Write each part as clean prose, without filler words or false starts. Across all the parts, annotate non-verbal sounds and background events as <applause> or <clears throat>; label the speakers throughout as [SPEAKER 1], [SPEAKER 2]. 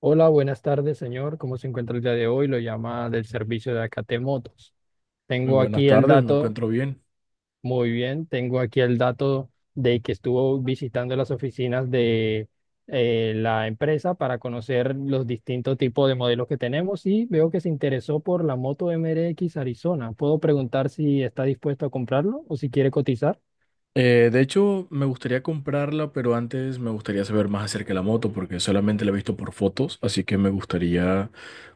[SPEAKER 1] Hola, buenas tardes, señor. ¿Cómo se encuentra el día de hoy? Lo llama del servicio de Acate Motos.
[SPEAKER 2] Muy
[SPEAKER 1] Tengo
[SPEAKER 2] buenas
[SPEAKER 1] aquí el
[SPEAKER 2] tardes, me
[SPEAKER 1] dato,
[SPEAKER 2] encuentro bien.
[SPEAKER 1] Muy bien, tengo aquí el dato de que estuvo visitando las oficinas de la empresa para conocer los distintos tipos de modelos que tenemos y veo que se interesó por la moto MRX Arizona. ¿Puedo preguntar si está dispuesto a comprarlo o si quiere cotizar?
[SPEAKER 2] De hecho, me gustaría comprarla, pero antes me gustaría saber más acerca de la moto, porque solamente la he visto por fotos, así que me gustaría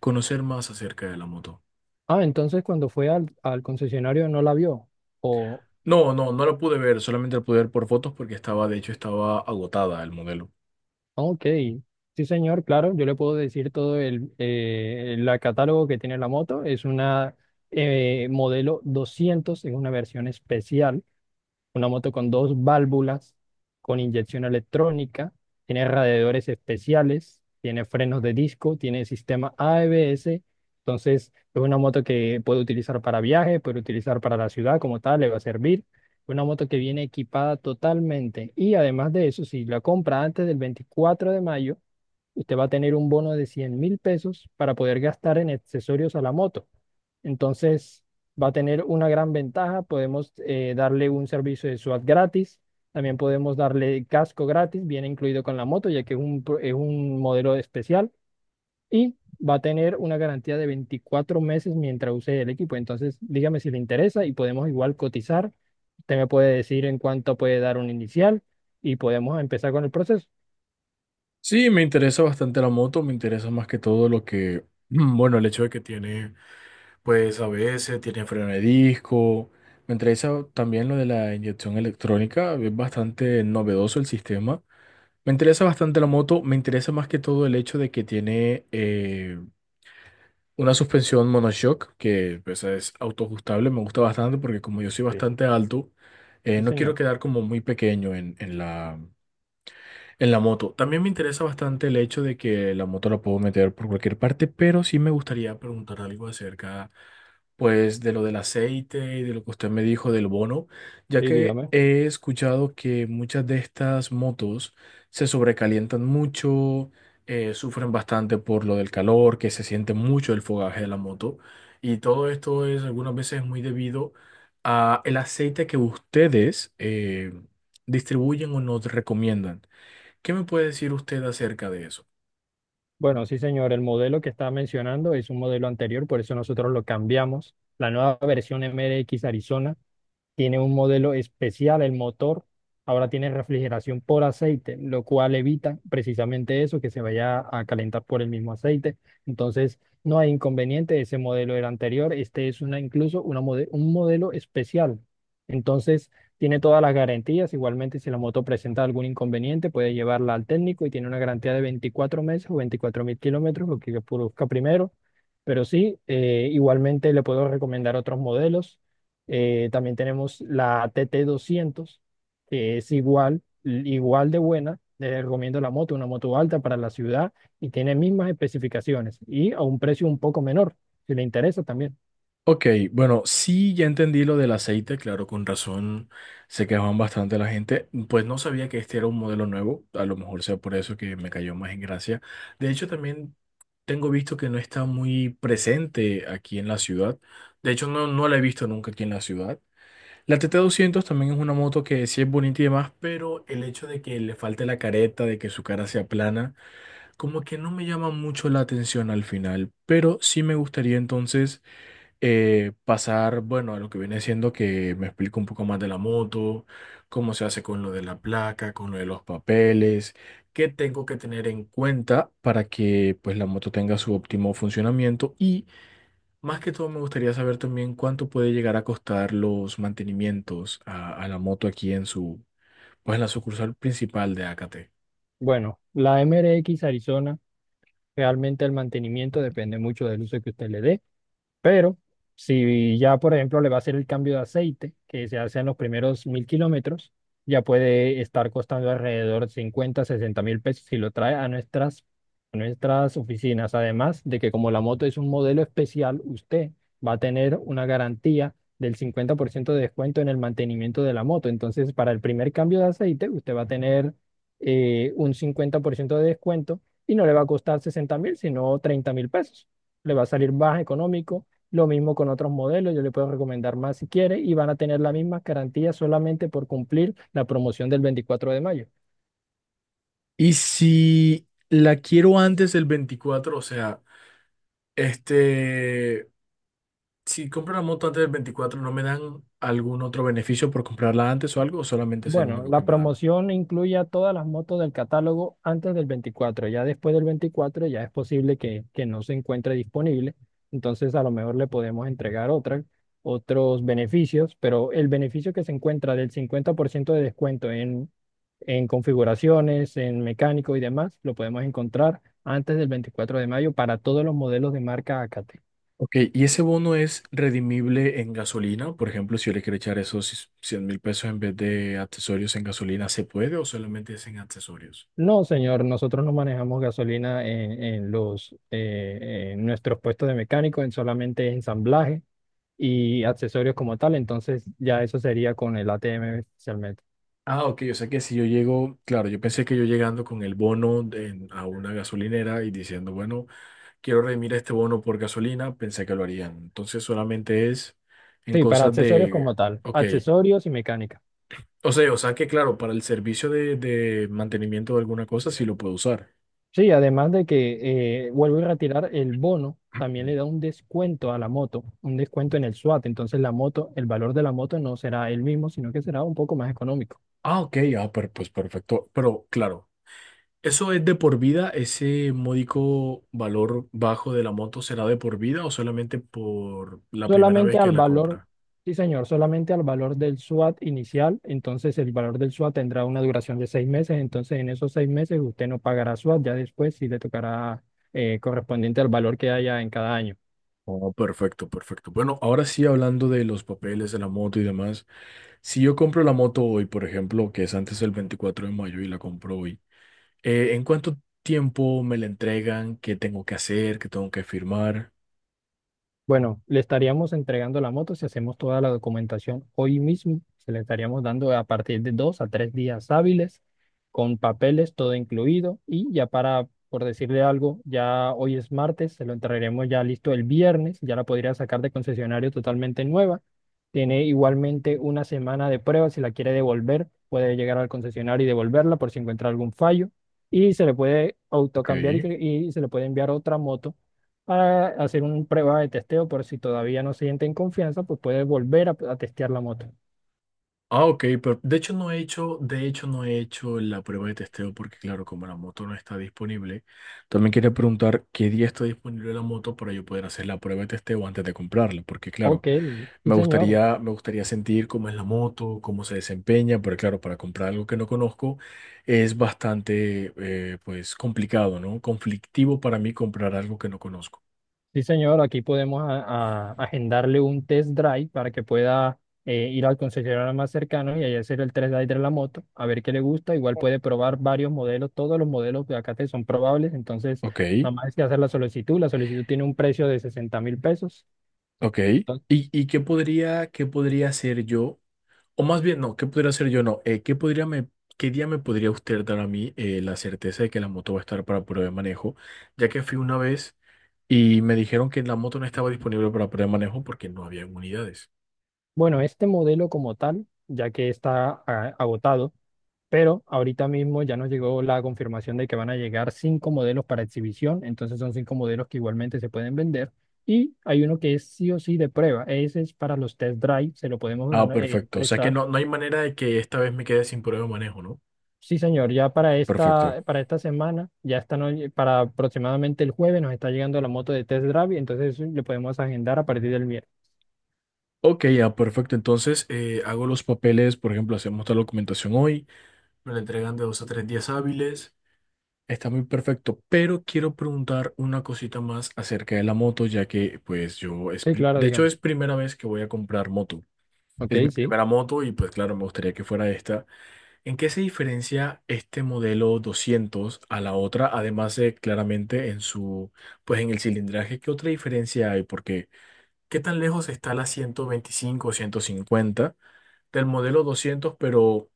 [SPEAKER 2] conocer más acerca de la moto.
[SPEAKER 1] Ah, entonces cuando fue al concesionario no la vio. O
[SPEAKER 2] No, no, no la pude ver, solamente la pude ver por fotos porque estaba, de hecho, estaba agotada el modelo.
[SPEAKER 1] Ok, sí, señor, claro, yo le puedo decir todo el la catálogo que tiene la moto. Es una modelo doscientos, es una versión especial, una moto con dos válvulas, con inyección electrónica, tiene radiadores especiales, tiene frenos de disco, tiene sistema ABS. Entonces, es una moto que puede utilizar para viaje, puede utilizar para la ciudad como tal, le va a servir. Una moto que viene equipada totalmente. Y además de eso, si la compra antes del 24 de mayo, usted va a tener un bono de $100.000 para poder gastar en accesorios a la moto. Entonces, va a tener una gran ventaja. Podemos darle un servicio de SWAT gratis. También podemos darle casco gratis, viene incluido con la moto, ya que es un modelo especial. Y va a tener una garantía de 24 meses mientras use el equipo. Entonces, dígame si le interesa y podemos igual cotizar. Usted me puede decir en cuánto puede dar un inicial y podemos empezar con el proceso.
[SPEAKER 2] Sí, me interesa bastante la moto, me interesa más que todo lo que, <clears throat> bueno, el hecho de que tiene, pues, ABS, tiene freno de disco. Me interesa también lo de la inyección electrónica, es bastante novedoso el sistema. Me interesa bastante la moto, me interesa más que todo el hecho de que tiene una suspensión monoshock, que pues, es autoajustable, me gusta bastante porque como yo soy
[SPEAKER 1] Sí,
[SPEAKER 2] bastante alto,
[SPEAKER 1] sí,
[SPEAKER 2] no quiero
[SPEAKER 1] señor.
[SPEAKER 2] quedar como muy pequeño en la, en la moto. También me interesa bastante el hecho de que la moto la puedo meter por cualquier parte, pero sí me gustaría preguntar algo acerca, pues, de lo del aceite y de lo que usted me dijo del bono, ya
[SPEAKER 1] Sí,
[SPEAKER 2] que
[SPEAKER 1] dígame.
[SPEAKER 2] he escuchado que muchas de estas motos se sobrecalientan mucho, sufren bastante por lo del calor, que se siente mucho el fogaje de la moto, y todo esto es algunas veces muy debido a el aceite que ustedes distribuyen o nos recomiendan. ¿Qué me puede decir usted acerca de eso?
[SPEAKER 1] Bueno, sí, señor, el modelo que estaba mencionando es un modelo anterior, por eso nosotros lo cambiamos. La nueva versión MRX Arizona tiene un modelo especial el motor. Ahora tiene refrigeración por aceite, lo cual evita precisamente eso, que se vaya a calentar por el mismo aceite. Entonces, no hay inconveniente. Ese modelo era anterior. Este es una, incluso un modelo especial. Entonces, tiene todas las garantías. Igualmente, si la moto presenta algún inconveniente, puede llevarla al técnico y tiene una garantía de 24 meses o 24.000 kilómetros, lo que produzca primero. Pero sí, igualmente le puedo recomendar otros modelos. También tenemos la TT doscientos, que es igual, igual de buena. Les recomiendo la moto, una moto alta para la ciudad, y tiene mismas especificaciones y a un precio un poco menor, si le interesa también.
[SPEAKER 2] Ok, bueno, sí, ya entendí lo del aceite, claro, con razón se quejaban bastante la gente, pues no sabía que este era un modelo nuevo, a lo mejor sea por eso que me cayó más en gracia. De hecho, también tengo visto que no está muy presente aquí en la ciudad, de hecho no, no la he visto nunca aquí en la ciudad. La tt 200 también es una moto que sí es bonita y demás, pero el hecho de que le falte la careta, de que su cara sea plana, como que no me llama mucho la atención al final, pero sí me gustaría entonces pasar, bueno, a lo que viene siendo que me explique un poco más de la moto, cómo se hace con lo de la placa, con lo de los papeles, qué tengo que tener en cuenta para que pues la moto tenga su óptimo funcionamiento y más que todo me gustaría saber también cuánto puede llegar a costar los mantenimientos a la moto aquí en su, pues en la sucursal principal de AKT.
[SPEAKER 1] Bueno, la MRX Arizona, realmente el mantenimiento depende mucho del uso que usted le dé. Pero si ya, por ejemplo, le va a hacer el cambio de aceite, que se hace en los primeros 1.000 kilómetros, ya puede estar costando alrededor de 50, $60.000, si lo trae a nuestras oficinas. Además de que como la moto es un modelo especial, usted va a tener una garantía del 50% de descuento en el mantenimiento de la moto. Entonces, para el primer cambio de aceite, usted va a tener un 50% de descuento y no le va a costar 60.000, sino $30.000. Le va a salir más económico. Lo mismo con otros modelos, yo le puedo recomendar más si quiere y van a tener la misma garantía, solamente por cumplir la promoción del 24 de mayo.
[SPEAKER 2] Y si la quiero antes del 24, o sea, este, si compro la moto antes del 24, ¿no me dan algún otro beneficio por comprarla antes o algo? ¿O solamente es el
[SPEAKER 1] Bueno,
[SPEAKER 2] único que
[SPEAKER 1] la
[SPEAKER 2] me dan?
[SPEAKER 1] promoción incluye a todas las motos del catálogo antes del 24. Ya después del 24 ya es posible que no se encuentre disponible. Entonces a lo mejor le podemos entregar otras, otros beneficios, pero el beneficio que se encuentra del 50% de descuento en configuraciones, en mecánico y demás, lo podemos encontrar antes del 24 de mayo para todos los modelos de marca ACAT.
[SPEAKER 2] Ok, y ese bono es redimible en gasolina. Por ejemplo, si yo le quiero echar esos $100.000 en vez de accesorios en gasolina, ¿se puede o solamente es en accesorios?
[SPEAKER 1] No, señor, nosotros no manejamos gasolina en en nuestros puestos de mecánico, en solamente ensamblaje y accesorios como tal, entonces ya eso sería con el ATM especialmente.
[SPEAKER 2] Ah, ok, o sea que si yo llego, claro, yo pensé que yo llegando con el a una gasolinera y diciendo, bueno, quiero redimir este bono por gasolina, pensé que lo harían. Entonces solamente es en
[SPEAKER 1] Sí, para
[SPEAKER 2] cosas
[SPEAKER 1] accesorios
[SPEAKER 2] de,
[SPEAKER 1] como tal,
[SPEAKER 2] ok,
[SPEAKER 1] accesorios y mecánica.
[SPEAKER 2] o sea que claro, para el servicio de mantenimiento de alguna cosa sí lo puedo usar.
[SPEAKER 1] Sí, además de que vuelvo a retirar el bono,
[SPEAKER 2] <clears throat>
[SPEAKER 1] también
[SPEAKER 2] Ujú.
[SPEAKER 1] le da un descuento a la moto, un descuento en el SWAT. Entonces la moto, el valor de la moto no será el mismo, sino que será un poco más económico.
[SPEAKER 2] Ah, ok, ah, pues perfecto. Pero claro, ¿eso es de por vida? ¿Ese módico valor bajo de la moto será de por vida o solamente por la primera
[SPEAKER 1] Solamente
[SPEAKER 2] vez que
[SPEAKER 1] al
[SPEAKER 2] la
[SPEAKER 1] valor,
[SPEAKER 2] compra?
[SPEAKER 1] sí, señor, solamente al valor del SWAT inicial. Entonces el valor del SWAT tendrá una duración de 6 meses. Entonces en esos 6 meses usted no pagará SWAT, ya después sí le tocará correspondiente al valor que haya en cada año.
[SPEAKER 2] Oh, perfecto, perfecto. Bueno, ahora sí hablando de los papeles de la moto y demás. Si yo compro la moto hoy, por ejemplo, que es antes del 24 de mayo y la compro hoy, ¿en cuánto tiempo me la entregan? ¿Qué tengo que hacer? ¿Qué tengo que firmar?
[SPEAKER 1] Bueno, le estaríamos entregando la moto si hacemos toda la documentación hoy mismo. Se le estaríamos dando a partir de 2 a 3 días hábiles, con papeles, todo incluido. Y ya para, por decirle algo, ya hoy es martes, se lo entregaremos ya listo el viernes. Ya la podría sacar de concesionario totalmente nueva. Tiene igualmente una semana de prueba. Si la quiere devolver, puede llegar al concesionario y devolverla por si encuentra algún fallo. Y se le puede
[SPEAKER 2] Ok.
[SPEAKER 1] autocambiar y se le puede enviar otra moto para hacer una prueba de testeo. Por si todavía no se sienten confianza, pues puede volver a testear la moto.
[SPEAKER 2] Ah, ok, pero de hecho no he hecho, de hecho no he hecho la prueba de testeo porque claro, como la moto no está disponible, también quería preguntar qué día está disponible la moto para yo poder hacer la prueba de testeo antes de comprarla, porque claro,
[SPEAKER 1] Ok, sí, señor.
[SPEAKER 2] me gustaría sentir cómo es la moto, cómo se desempeña, pero claro, para comprar algo que no conozco es bastante pues complicado, ¿no? Conflictivo para mí comprar algo que no conozco.
[SPEAKER 1] Sí, señor, aquí podemos agendarle un test drive para que pueda ir al concesionario más cercano y ahí hacer el test drive de la moto, a ver qué le gusta. Igual puede probar varios modelos, todos los modelos de acá te son probables, entonces
[SPEAKER 2] Ok.
[SPEAKER 1] nada más es que hacer la solicitud. La solicitud tiene un precio de $60.000.
[SPEAKER 2] Ok. Y qué podría hacer yo? O más bien, no, ¿qué podría hacer yo? No, ¿qué podría qué día me podría usted dar a mí la certeza de que la moto va a estar para prueba de manejo? Ya que fui una vez y me dijeron que la moto no estaba disponible para prueba de manejo porque no había unidades.
[SPEAKER 1] Bueno, este modelo como tal, ya que está agotado. Pero ahorita mismo ya nos llegó la confirmación de que van a llegar cinco modelos para exhibición, entonces son cinco modelos que igualmente se pueden vender. Y hay uno que es sí o sí de prueba, ese es para los test drive, se lo podemos dar,
[SPEAKER 2] Ah, perfecto. O sea que
[SPEAKER 1] prestar.
[SPEAKER 2] no, no hay manera de que esta vez me quede sin prueba de manejo, ¿no?
[SPEAKER 1] Sí, señor, ya para
[SPEAKER 2] Perfecto.
[SPEAKER 1] para esta semana, ya está, para aproximadamente el jueves nos está llegando la moto de test drive, entonces eso le podemos agendar a partir del miércoles.
[SPEAKER 2] Ok, ya, perfecto. Entonces, hago los papeles, por ejemplo, hacemos la documentación hoy, me la entregan de dos a tres días hábiles. Está muy perfecto, pero quiero preguntar una cosita más acerca de la moto, ya que pues yo, es
[SPEAKER 1] Sí, claro,
[SPEAKER 2] de hecho
[SPEAKER 1] digamos.
[SPEAKER 2] es primera vez que voy a comprar moto.
[SPEAKER 1] Ok,
[SPEAKER 2] Es mi
[SPEAKER 1] sí.
[SPEAKER 2] primera moto y pues claro, me gustaría que fuera esta. ¿En qué se diferencia este modelo 200 a la otra? Además de claramente en su, pues en el cilindraje, ¿qué otra diferencia hay? Porque ¿qué tan lejos está la 125 o 150 del modelo 200 pero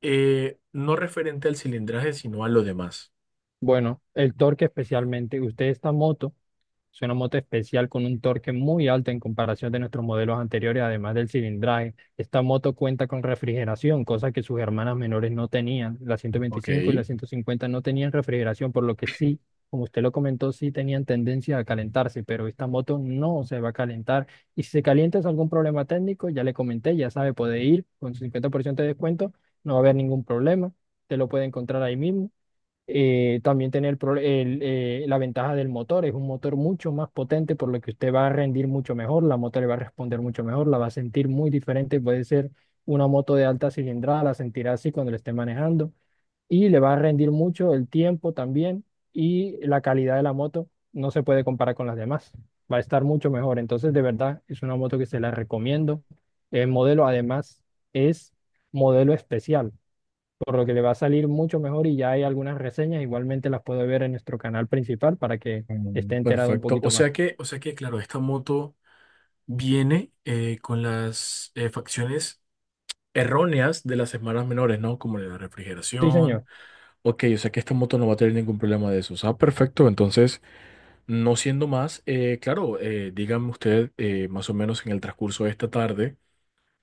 [SPEAKER 2] no referente al cilindraje, sino a lo demás?
[SPEAKER 1] Bueno, el torque especialmente, usted esta moto. Es una moto especial con un torque muy alto en comparación de nuestros modelos anteriores, además del cilindraje. Esta moto cuenta con refrigeración, cosa que sus hermanas menores no tenían. La
[SPEAKER 2] Ok.
[SPEAKER 1] 125 y la 150 no tenían refrigeración, por lo que sí, como usted lo comentó, sí tenían tendencia a calentarse, pero esta moto no se va a calentar. Y si se calienta es algún problema técnico. Ya le comenté, ya sabe, puede ir con su 50% de descuento, no va a haber ningún problema. Te lo puede encontrar ahí mismo. También tiene la ventaja del motor. Es un motor mucho más potente, por lo que usted va a rendir mucho mejor, la moto le va a responder mucho mejor, la va a sentir muy diferente. Puede ser una moto de alta cilindrada, la sentirá así cuando la esté manejando, y le va a rendir mucho el tiempo también, y la calidad de la moto no se puede comparar con las demás. Va a estar mucho mejor, entonces de verdad es una moto que se la recomiendo. El modelo además es modelo especial, por lo que le va a salir mucho mejor, y ya hay algunas reseñas, igualmente las puede ver en nuestro canal principal para que
[SPEAKER 2] Mm,
[SPEAKER 1] esté enterado un
[SPEAKER 2] perfecto.
[SPEAKER 1] poquito más.
[SPEAKER 2] O sea que, claro, esta moto viene con las facciones erróneas de las hermanas menores, ¿no? Como la
[SPEAKER 1] Sí,
[SPEAKER 2] refrigeración.
[SPEAKER 1] señor,
[SPEAKER 2] Ok, o sea que esta moto no va a tener ningún problema de eso. Ah, perfecto. Entonces, no siendo más, claro, dígame usted más o menos en el transcurso de esta tarde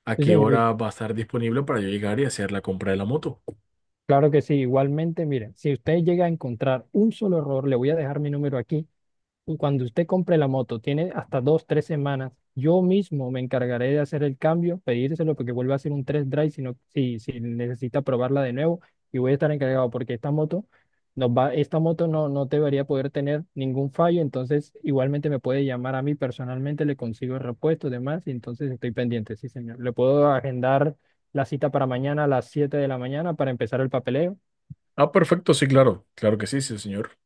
[SPEAKER 2] a
[SPEAKER 1] sí,
[SPEAKER 2] qué
[SPEAKER 1] señor,
[SPEAKER 2] hora va a estar disponible para yo llegar y hacer la compra de la moto.
[SPEAKER 1] claro que sí. Igualmente, miren, si usted llega a encontrar un solo error, le voy a dejar mi número aquí. Y cuando usted compre la moto, tiene hasta dos, tres semanas. Yo mismo me encargaré de hacer el cambio, pedírselo, porque vuelva a hacer un test drive si necesita probarla de nuevo. Y voy a estar encargado porque esta moto no, no debería poder tener ningún fallo. Entonces, igualmente me puede llamar a mí personalmente, le consigo el repuesto y demás. Y entonces estoy pendiente, sí, señor. Le puedo agendar la cita para mañana a las 7 de la mañana para empezar el papeleo.
[SPEAKER 2] Ah, perfecto. Sí, claro. Claro que sí, sí, señor.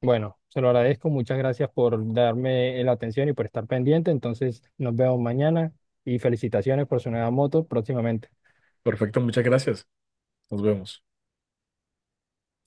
[SPEAKER 1] Bueno, se lo agradezco. Muchas gracias por darme la atención y por estar pendiente. Entonces, nos vemos mañana y felicitaciones por su nueva moto próximamente.
[SPEAKER 2] Perfecto. Muchas gracias. Nos vemos.